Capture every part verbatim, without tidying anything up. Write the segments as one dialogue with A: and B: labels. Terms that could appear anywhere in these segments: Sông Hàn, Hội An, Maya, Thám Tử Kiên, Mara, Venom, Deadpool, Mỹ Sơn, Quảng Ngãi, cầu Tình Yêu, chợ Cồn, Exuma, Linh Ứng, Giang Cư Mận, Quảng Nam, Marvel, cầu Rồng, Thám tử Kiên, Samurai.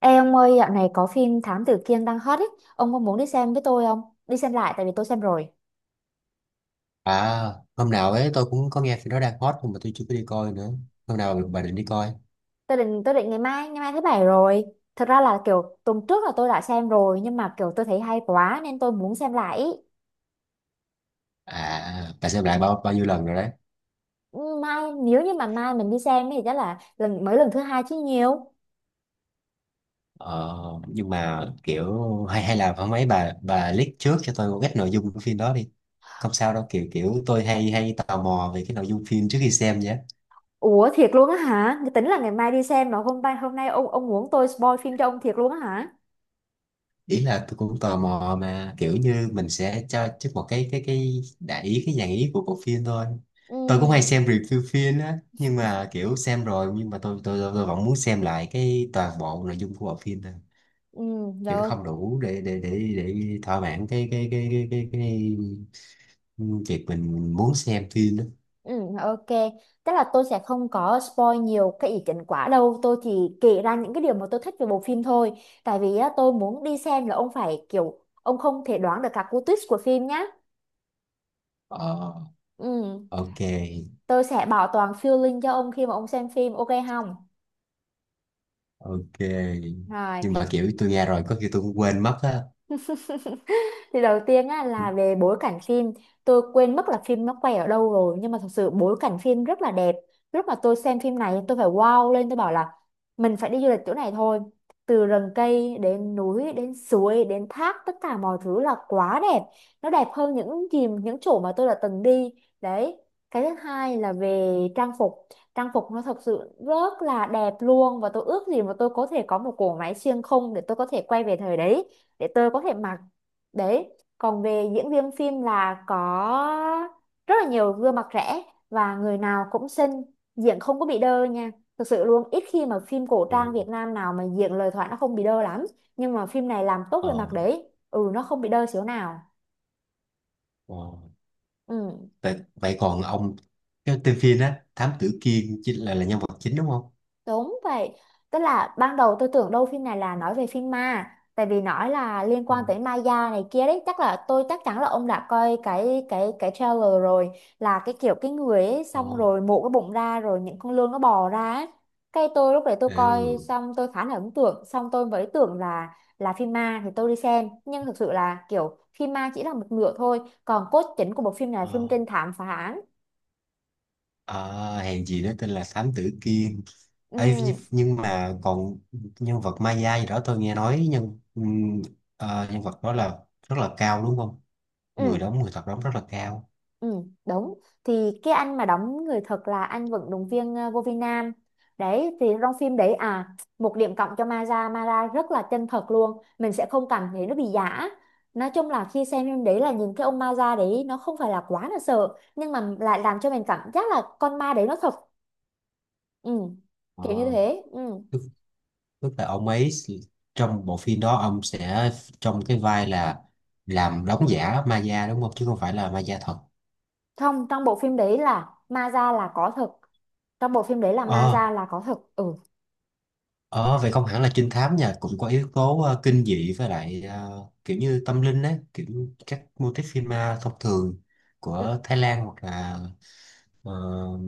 A: Ê ông ơi, dạo này có phim Thám Tử Kiên đang hot ấy, ông có muốn đi xem với tôi không? Đi xem lại tại vì tôi xem rồi.
B: À, hôm nào ấy tôi cũng có nghe phim đó đang hot nhưng mà tôi chưa có đi coi nữa. Hôm nào bà định đi coi?
A: Tôi định tôi định ngày mai, ngày mai thứ bảy rồi. Thật ra là kiểu tuần trước là tôi đã xem rồi, nhưng mà kiểu tôi thấy hay quá nên tôi muốn xem lại. ý.
B: À, bà xem lại bao bao nhiêu lần rồi đấy.
A: Ừ, Mai nếu như mà mai mình đi xem thì chắc là lần mới lần thứ hai chứ nhiều.
B: Ờ, nhưng mà kiểu hay hay là hôm ấy bà bà leak trước cho tôi một ít nội dung của phim đó đi. Không sao đâu, kiểu kiểu tôi hay hay tò mò về cái nội dung phim trước khi xem nhé.
A: Ủa thiệt luôn á hả? Cái Tính là ngày mai đi xem mà hôm nay hôm nay ông ông muốn tôi spoil phim cho ông thiệt luôn á hả?
B: Ý là tôi cũng tò mò mà kiểu như mình sẽ cho trước một cái cái cái đại ý cái dạng ý của bộ phim thôi. Tôi cũng hay
A: Ừ,
B: xem review phim á, nhưng mà kiểu xem rồi nhưng mà tôi tôi tôi, tôi vẫn muốn xem lại cái toàn bộ nội dung của bộ phim thôi.
A: ừ,
B: Kiểu nó
A: được.
B: không đủ để để để để thỏa mãn cái cái cái cái cái, cái việc mình muốn xem phim đó.
A: Ừ, ok. Tức là tôi sẽ không có spoil nhiều cái ý kiến quá đâu. Tôi chỉ kể ra những cái điều mà tôi thích về bộ phim thôi. Tại vì á, tôi muốn đi xem là ông phải kiểu ông không thể đoán được các cú twist của phim nhá.
B: ờ
A: Ừ,
B: ok,
A: tôi sẽ bảo toàn feeling cho ông khi mà ông xem phim, ok không?
B: ok,
A: Rồi.
B: nhưng mà kiểu tôi nghe rồi có khi tôi cũng quên mất á.
A: thì đầu tiên á, là về bối cảnh phim. Tôi quên mất là phim nó quay ở đâu rồi, nhưng mà thật sự bối cảnh phim rất là đẹp. Lúc mà tôi xem phim này tôi phải wow lên, tôi bảo là mình phải đi du lịch chỗ này thôi. Từ rừng cây đến núi đến suối đến thác, tất cả mọi thứ là quá đẹp. Nó đẹp hơn những gì những chỗ mà tôi đã từng đi đấy. Cái thứ hai là về trang phục. Trang phục nó thật sự rất là đẹp luôn, và tôi ước gì mà tôi có thể có một cỗ máy xuyên không để tôi có thể quay về thời đấy, để tôi có thể mặc. Đấy, còn về diễn viên phim là có rất là nhiều gương mặt trẻ, và người nào cũng xinh, diễn không có bị đơ nha. Thực sự luôn, ít khi mà phim cổ trang
B: Ồ,
A: Việt Nam nào mà diễn lời thoại nó không bị đơ lắm. Nhưng mà phim này làm tốt
B: ờ,
A: về mặt đấy, ừ, nó không bị đơ xíu nào.
B: ờ.
A: Ừ.
B: Vậy, vậy còn ông, cái tên phim á Thám Tử Kiên chính là là nhân vật chính đúng không?
A: Đúng vậy, tức là ban đầu tôi tưởng đâu phim này là nói về phim ma. Tại vì nói là liên
B: Ờ,
A: quan tới Maya này kia đấy. Chắc là tôi chắc chắn là ông đã coi cái cái cái trailer rồi. Là cái kiểu cái người ấy xong
B: ồ,
A: rồi mổ cái bụng ra rồi những con lươn nó bò ra ấy. Cái tôi lúc đấy tôi coi
B: ừ,
A: xong tôi khá là ấn tượng. Xong tôi mới tưởng là là phim ma thì tôi đi xem. Nhưng thực sự là kiểu phim ma chỉ là một nửa thôi. Còn cốt chính của bộ phim này là phim
B: ờ.
A: trinh thám phá án.
B: À, hèn gì nó tên là Thám Tử Kiên. Ấy,
A: Ừ,
B: nhưng nhưng mà còn nhân vật Maya gì đó tôi nghe nói nhân ừm, ờ, nhân vật đó là rất là cao đúng không? Người
A: ừ.
B: đóng, người thật đóng rất là cao.
A: Ừ, đúng. Thì cái anh mà đóng người thật là anh vận động viên ờ, vô vi Nam. Đấy, thì trong phim đấy à, một điểm cộng cho Mara. Mara rất là chân thật luôn. Mình sẽ không cảm thấy nó bị giả. Nói chung là khi xem phim đấy là nhìn cái ông Mara đấy nó không phải là quá là sợ, nhưng mà lại làm cho mình cảm giác là con ma đấy nó thật. Ừ,
B: Ờ,
A: kiểu như thế. Ừ.
B: tức, tức là ông ấy s- trong bộ phim đó ông sẽ trong cái vai là làm đóng giả Maya đúng không? Chứ không phải là Maya thật.
A: Không, trong bộ phim đấy là Mara là có thật. Trong bộ phim đấy là Mara là có thật. Ừ.
B: Ờ, vậy không hẳn là trinh thám nha, cũng có yếu tố ờ, kinh dị với lại ờ, kiểu như tâm linh á, kiểu như các mô típ phim ma thông thường
A: Ừ.
B: của Thái Lan hoặc là ờ,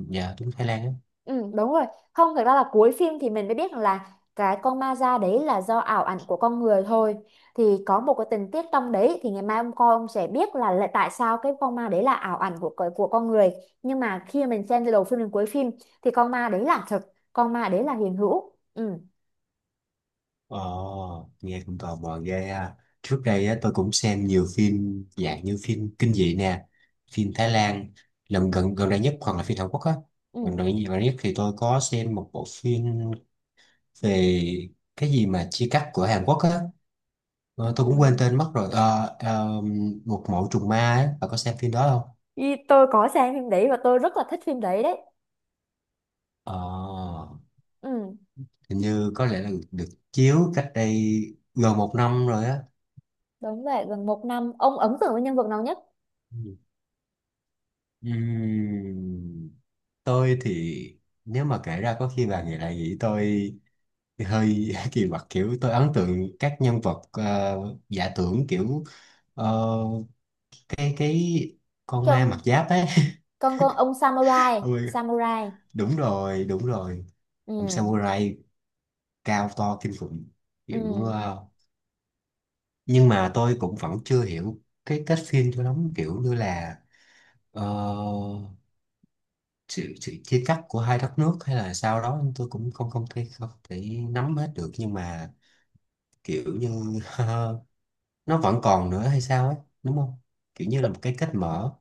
B: dạ đúng Thái Lan á.
A: Ừ, đúng rồi. Không, thật ra là cuối phim thì mình mới biết rằng là cái con ma da đấy là do ảo ảnh của con người thôi. Thì có một cái tình tiết trong đấy, thì ngày mai ông coi ông sẽ biết là, là tại sao cái con ma đấy là ảo ảnh của con- của con người. Nhưng mà khi mình xem từ đầu phim đến cuối phim thì con ma đấy là thật, con ma đấy là hiện hữu. Ừ,
B: Ờ, nghe cũng tò mò ghê ha. Trước đây á, tôi cũng xem nhiều phim dạng như phim kinh dị nè, phim Thái Lan lần gần gần đây nhất hoặc là phim Hàn Quốc á.
A: ừ.
B: Gần đây gần đây nhất thì tôi có xem một bộ phim về cái gì mà chia cắt của Hàn Quốc á.
A: Ừ.
B: Ờ, tôi cũng quên tên mất rồi. Ờ, ờ, Một mẫu trùng ma ấy, bà có xem phim đó không?
A: Ý, tôi có xem phim đấy và tôi rất là thích phim đấy đấy.
B: Ờ,
A: Ừ,
B: hình như có lẽ là được, được chiếu cách đây gần một năm rồi á.
A: đúng vậy, gần một năm. Ông ấn tượng với nhân vật nào nhất?
B: Ừ. Ừm, tôi thì nếu mà kể ra có khi bà nghĩ lại nghĩ tôi hơi kỳ quặc, kiểu tôi ấn tượng các nhân vật ờ, giả tưởng kiểu ờ, cái cái con
A: Cái
B: ma mặc
A: ông,
B: giáp ấy
A: con con ông Samurai,
B: Ôi,
A: Samurai.
B: đúng rồi, đúng rồi. Ông
A: Ừ.
B: samurai cao to kinh khủng,
A: Ừ.
B: kiểu ờ, nhưng mà tôi cũng vẫn chưa hiểu cái kết phim cho lắm, kiểu như là ờ, sự, sự chia cắt của hai đất nước hay là sao đó, tôi cũng không không thể không thể nắm hết được nhưng mà kiểu như nó vẫn còn nữa hay sao ấy, đúng không, kiểu như là một cái kết mở.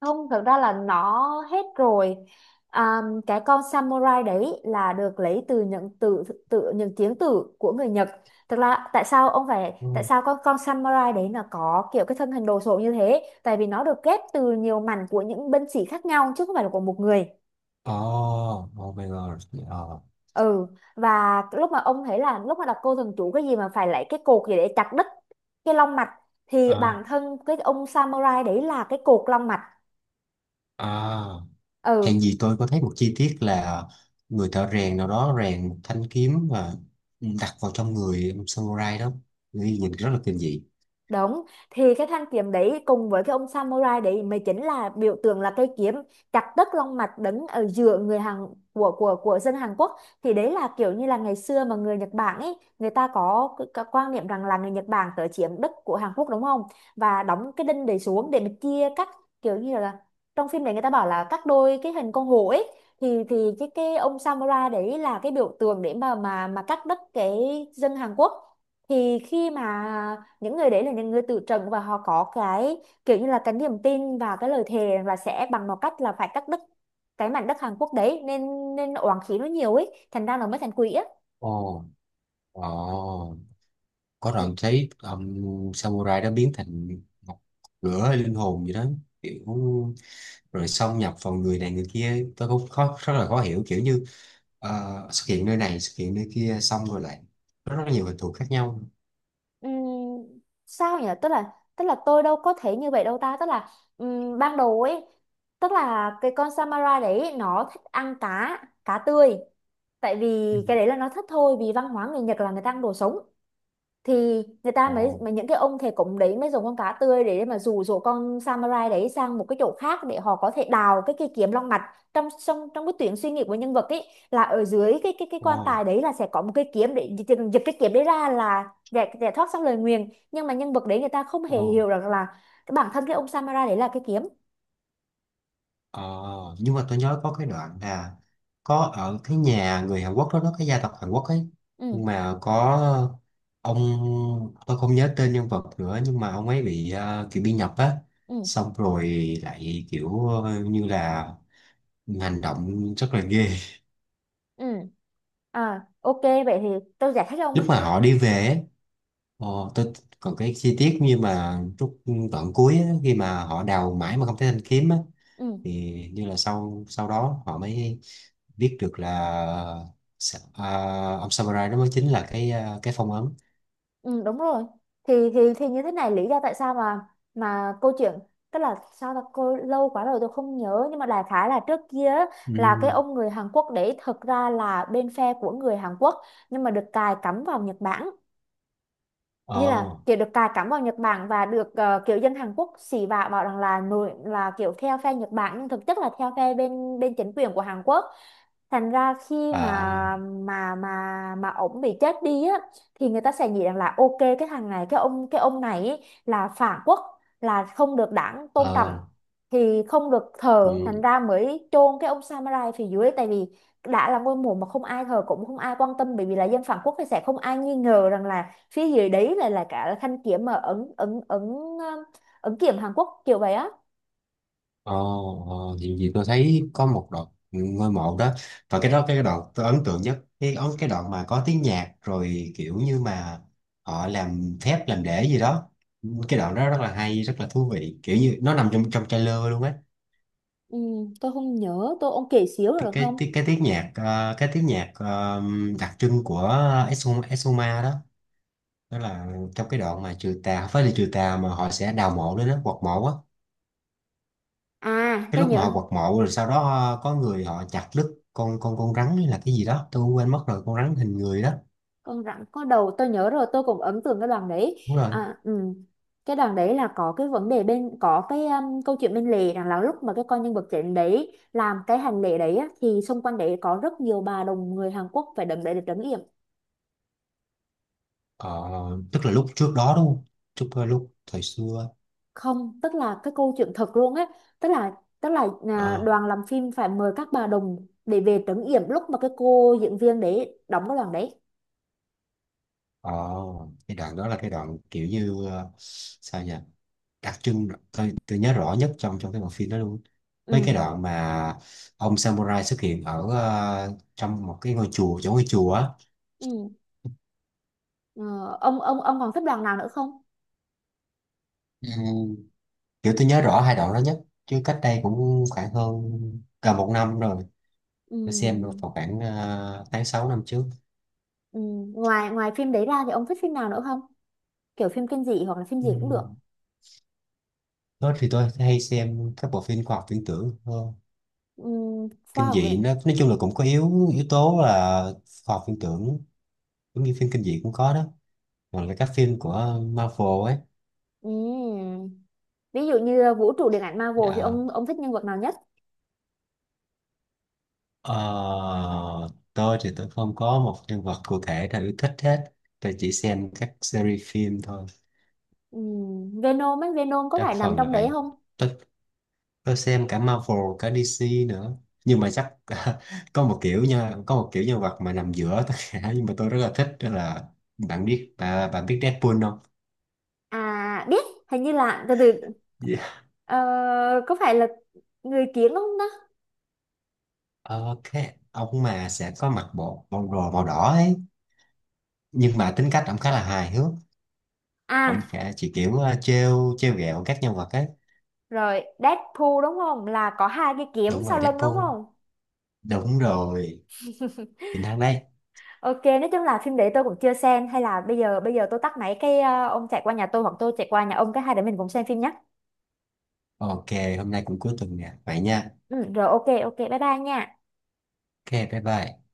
A: Không, thực ra là nó hết rồi. À, cái con samurai đấy là được lấy từ những từ tự những tiếng từ của người Nhật. Thực ra tại sao ông phải tại
B: Ừ.
A: sao con con samurai đấy nó có kiểu cái thân hình đồ sộ như thế? Tại vì nó được ghép từ nhiều mảnh của những binh sĩ khác nhau, chứ không phải là của một người.
B: Oh, oh my god. Ờ.
A: Ừ, và lúc mà ông thấy là lúc mà đọc cô thần chú cái gì mà phải lấy cái cột gì để chặt đứt cái long mạch, thì
B: À,
A: bản thân cái ông samurai đấy là cái cột long mạch.
B: à.
A: Ừ.
B: Hèn gì tôi có thấy một chi tiết là người thợ rèn nào đó rèn một thanh kiếm và đặt vào trong người ông samurai đó. Nghĩ nhìn rất là kinh dị.
A: Đúng, thì cái thanh kiếm đấy cùng với cái ông samurai đấy mới chính là biểu tượng, là cây kiếm chặt đứt long mạch đứng ở giữa người Hàn, của của của dân Hàn Quốc. Thì đấy là kiểu như là ngày xưa mà người Nhật Bản ấy, người ta có cái, cái quan niệm rằng là người Nhật Bản tới chiếm đất của Hàn Quốc đúng không, và đóng cái đinh đấy xuống để mà chia các kiểu như là, trong phim đấy người ta bảo là các đôi cái hình con hổ ấy, thì thì cái cái ông samurai đấy là cái biểu tượng để mà mà mà cắt đứt cái dân Hàn Quốc. Thì khi mà những người đấy là những người tự trận và họ có cái kiểu như là cái niềm tin và cái lời thề rằng là sẽ bằng một cách là phải cắt đứt cái mảnh đất Hàn Quốc đấy, nên nên oán khí nó nhiều ấy, thành ra nó mới thành quỷ á.
B: Ồ, ồ, có
A: Ừ,
B: đoạn thấy ông samurai đó biến thành một lửa hay linh hồn gì đó, kiểu rồi xâm nhập vào người này người kia, tôi cũng khó rất là khó hiểu, kiểu như ờ, xuất hiện nơi này xuất hiện nơi kia xong rồi lại rất, rất nhiều hình thù khác nhau.
A: ừm, sao nhỉ, tức là tức là tôi đâu có thể như vậy đâu ta, tức là ừm, ban đầu ấy, tức là cái con Samara đấy nó thích ăn cá, cá tươi. Tại vì
B: Ừ.
A: cái đấy là nó thích thôi, vì văn hóa người Nhật là người ta ăn đồ sống, thì người ta
B: Ồ,
A: mới mà những cái ông thầy cúng đấy mới dùng con cá tươi để mà dụ dỗ con samurai đấy sang một cái chỗ khác để họ có thể đào cái cây kiếm long mạch. Trong trong trong cái tuyến suy nghĩ của nhân vật ấy là ở dưới cái cái cái
B: ồ,
A: quan tài đấy là sẽ có một cây kiếm để gi- gi- giật cái kiếm đấy ra là giải giải thoát xong lời nguyền, nhưng mà nhân vật đấy người ta không hề
B: ồ.
A: hiểu rằng là cái bản thân cái ông samurai đấy là cái kiếm.
B: Ờ, nhưng mà tôi nhớ có cái đoạn là có ở cái nhà người Hàn Quốc đó, đó cái gia tộc Hàn Quốc ấy,
A: Ừ.
B: nhưng mà có ông, tôi không nhớ tên nhân vật nữa nhưng mà ông ấy bị ờ, kiểu bị nhập á,
A: Ừ.
B: xong rồi lại kiểu ờ, như là hành động rất là ghê.
A: Ừ. À, ok, vậy thì tôi giải thích cho ông
B: Lúc
A: cái
B: mà
A: khúc-
B: họ đi về ấy, ờ, tôi còn cái chi tiết như mà lúc đoạn cuối á, khi mà họ đào mãi mà không thấy thanh kiếm á,
A: Ừ.
B: thì như là sau sau đó họ mới biết được là Sa- à, ông samurai đó mới chính là cái à, cái phong ấn.
A: Ừ, đúng rồi, thì thì thì như thế này, lý do tại sao mà mà câu chuyện, tức là sao ta cô lâu quá rồi tôi không nhớ, nhưng mà đại khái là trước kia á, là cái
B: Ừ,
A: ông người Hàn Quốc đấy thực ra là bên phe của người Hàn Quốc, nhưng mà được cài cắm vào Nhật Bản. Như là
B: ờ,
A: kiểu được cài cắm vào Nhật Bản và được ờ, kiểu dân Hàn Quốc xỉ vả bảo rằng là nổi là kiểu theo phe Nhật Bản, nhưng thực chất là theo phe bên bên chính quyền của Hàn Quốc. Thành ra khi
B: à,
A: mà mà mà mà ổng bị chết đi á, thì người ta sẽ nghĩ rằng là ok, cái thằng này, cái ông cái ông này ý là phản quốc, là không được đảng tôn trọng,
B: ờ,
A: thì không được thờ, thành
B: ừ,
A: ra mới chôn cái ông samurai phía dưới. Tại vì đã là ngôi mộ mà không ai thờ, cũng không ai quan tâm, bởi vì là dân phản quốc, thì sẽ không ai nghi ngờ rằng là phía dưới đấy là là cả thanh kiếm mà ấn, ấn ấn um, ấn kiếm Hàn Quốc kiểu vậy á.
B: ờ. Ờ, thì, thì tôi thấy có một đoạn ngôi mộ đó và cái đó cái đoạn tôi ấn tượng nhất, cái ấn cái đoạn mà có tiếng nhạc rồi kiểu như mà họ làm phép làm để gì đó. Cái đoạn đó rất là hay, rất là thú vị, kiểu như nó nằm trong trong trailer luôn á.
A: Ừ, tôi không nhớ tôi ông kể xíu
B: cái
A: được
B: cái
A: không?
B: cái cái tiếng nhạc ờ, cái tiếng nhạc ờ, đặc trưng của Exuma, Exuma đó, đó là trong cái đoạn mà trừ tà, không phải là trừ tà mà họ sẽ đào mộ đấy, đó quật mộ á.
A: À,
B: Cái
A: tôi
B: lúc mà
A: nhớ
B: họ quật mộ rồi sau đó ờ, có người họ chặt đứt con con con rắn hay là cái gì đó tôi quên mất rồi, con rắn hình người đó.
A: con rắn có đầu, tôi nhớ rồi, tôi cũng ấn tượng cái đoàn đấy.
B: Đúng rồi.
A: À, ừ. Cái đoàn đấy là có cái vấn đề bên có cái um, câu chuyện bên lề rằng là lúc mà cái con nhân vật chính đấy làm cái hành lễ đấy á, thì xung quanh đấy có rất nhiều bà đồng người Hàn Quốc phải đấm để được trấn yểm.
B: Ờ, tức là lúc trước đó đúng không, trước ờ, lúc thời xưa.
A: Không, tức là cái câu chuyện thật luôn á, tức là tức là à,
B: Ờ,
A: đoàn làm phim phải mời các bà đồng để về trấn yểm lúc mà cái cô diễn viên để đóng cái đoàn đấy.
B: ờ. Cái đoạn đó là cái đoạn kiểu như ờ, sao nhỉ, đặc trưng tôi, tôi nhớ rõ nhất trong trong cái bộ phim đó luôn, với cái
A: Ừ.
B: đoạn mà ông samurai xuất hiện ở ờ, trong một cái ngôi chùa, chỗ ngôi chùa á.
A: Ừ. Ờ, ông ông ông còn thích đoàn nào nữa không?
B: Ừ, kiểu tôi nhớ rõ hai đoạn đó nhất, chứ cách đây cũng khoảng hơn gần một năm rồi. Tôi xem được
A: Ừ.
B: vào khoảng ờ, tháng sáu năm trước.
A: Ừ. ngoài ngoài phim đấy ra thì ông thích phim nào nữa không? Kiểu phim kinh dị hoặc là phim
B: Ừ.
A: gì cũng được.
B: Đó thì tôi hay xem các bộ phim khoa học viễn tưởng hơn.
A: Ừ. Khoa
B: Kinh
A: học
B: dị
A: viện.
B: nó nói chung là cũng có yếu yếu tố là khoa học viễn tưởng, giống như phim kinh dị cũng có đó, còn là các phim của Marvel ấy.
A: Ừ. Ví dụ như vũ trụ điện ảnh Marvel thì
B: Dạ.
A: ông ông thích nhân vật nào nhất?
B: Ờ, tôi thì tôi không có một nhân vật cụ thể nào yêu thích hết, tôi chỉ xem các series phim thôi.
A: Ừ. Venom ấy, Venom có
B: Đa
A: phải nằm
B: phần là
A: trong đấy
B: vậy.
A: không?
B: tôi tôi xem cả Marvel cả di xi nữa, nhưng mà chắc có một kiểu nha, có một kiểu nhân vật mà nằm giữa tất cả nhưng mà tôi rất là thích đó là, bạn biết bà, bạn biết Deadpool không?
A: À, biết. Hình như là từ từ.
B: Dạ.
A: Ờ, có phải là người kiếm không đó?
B: Ờ, cái ông mà sẽ có mặc bộ bộ đồ màu đỏ ấy, nhưng mà tính cách ông khá là hài hước.
A: À,
B: Ông sẽ chỉ kiểu ờ, trêu trêu ghẹo các nhân vật ấy.
A: rồi, Deadpool đúng không? Là có hai cái kiếm
B: Đúng rồi
A: sau lưng
B: Deadpool,
A: đúng không?
B: đúng rồi, chính thắng đây.
A: Ok, nói chung là phim đấy tôi cũng chưa xem, hay là bây giờ bây giờ tôi tắt máy cái ờ, ông chạy qua nhà tôi hoặc tôi chạy qua nhà ông, cái hai đứa mình cùng xem phim nhé.
B: Ok, hôm nay cũng cuối tuần nè, vậy nha.
A: Ừ, rồi, ok ok, bye bye nha.
B: Ok, bye bye.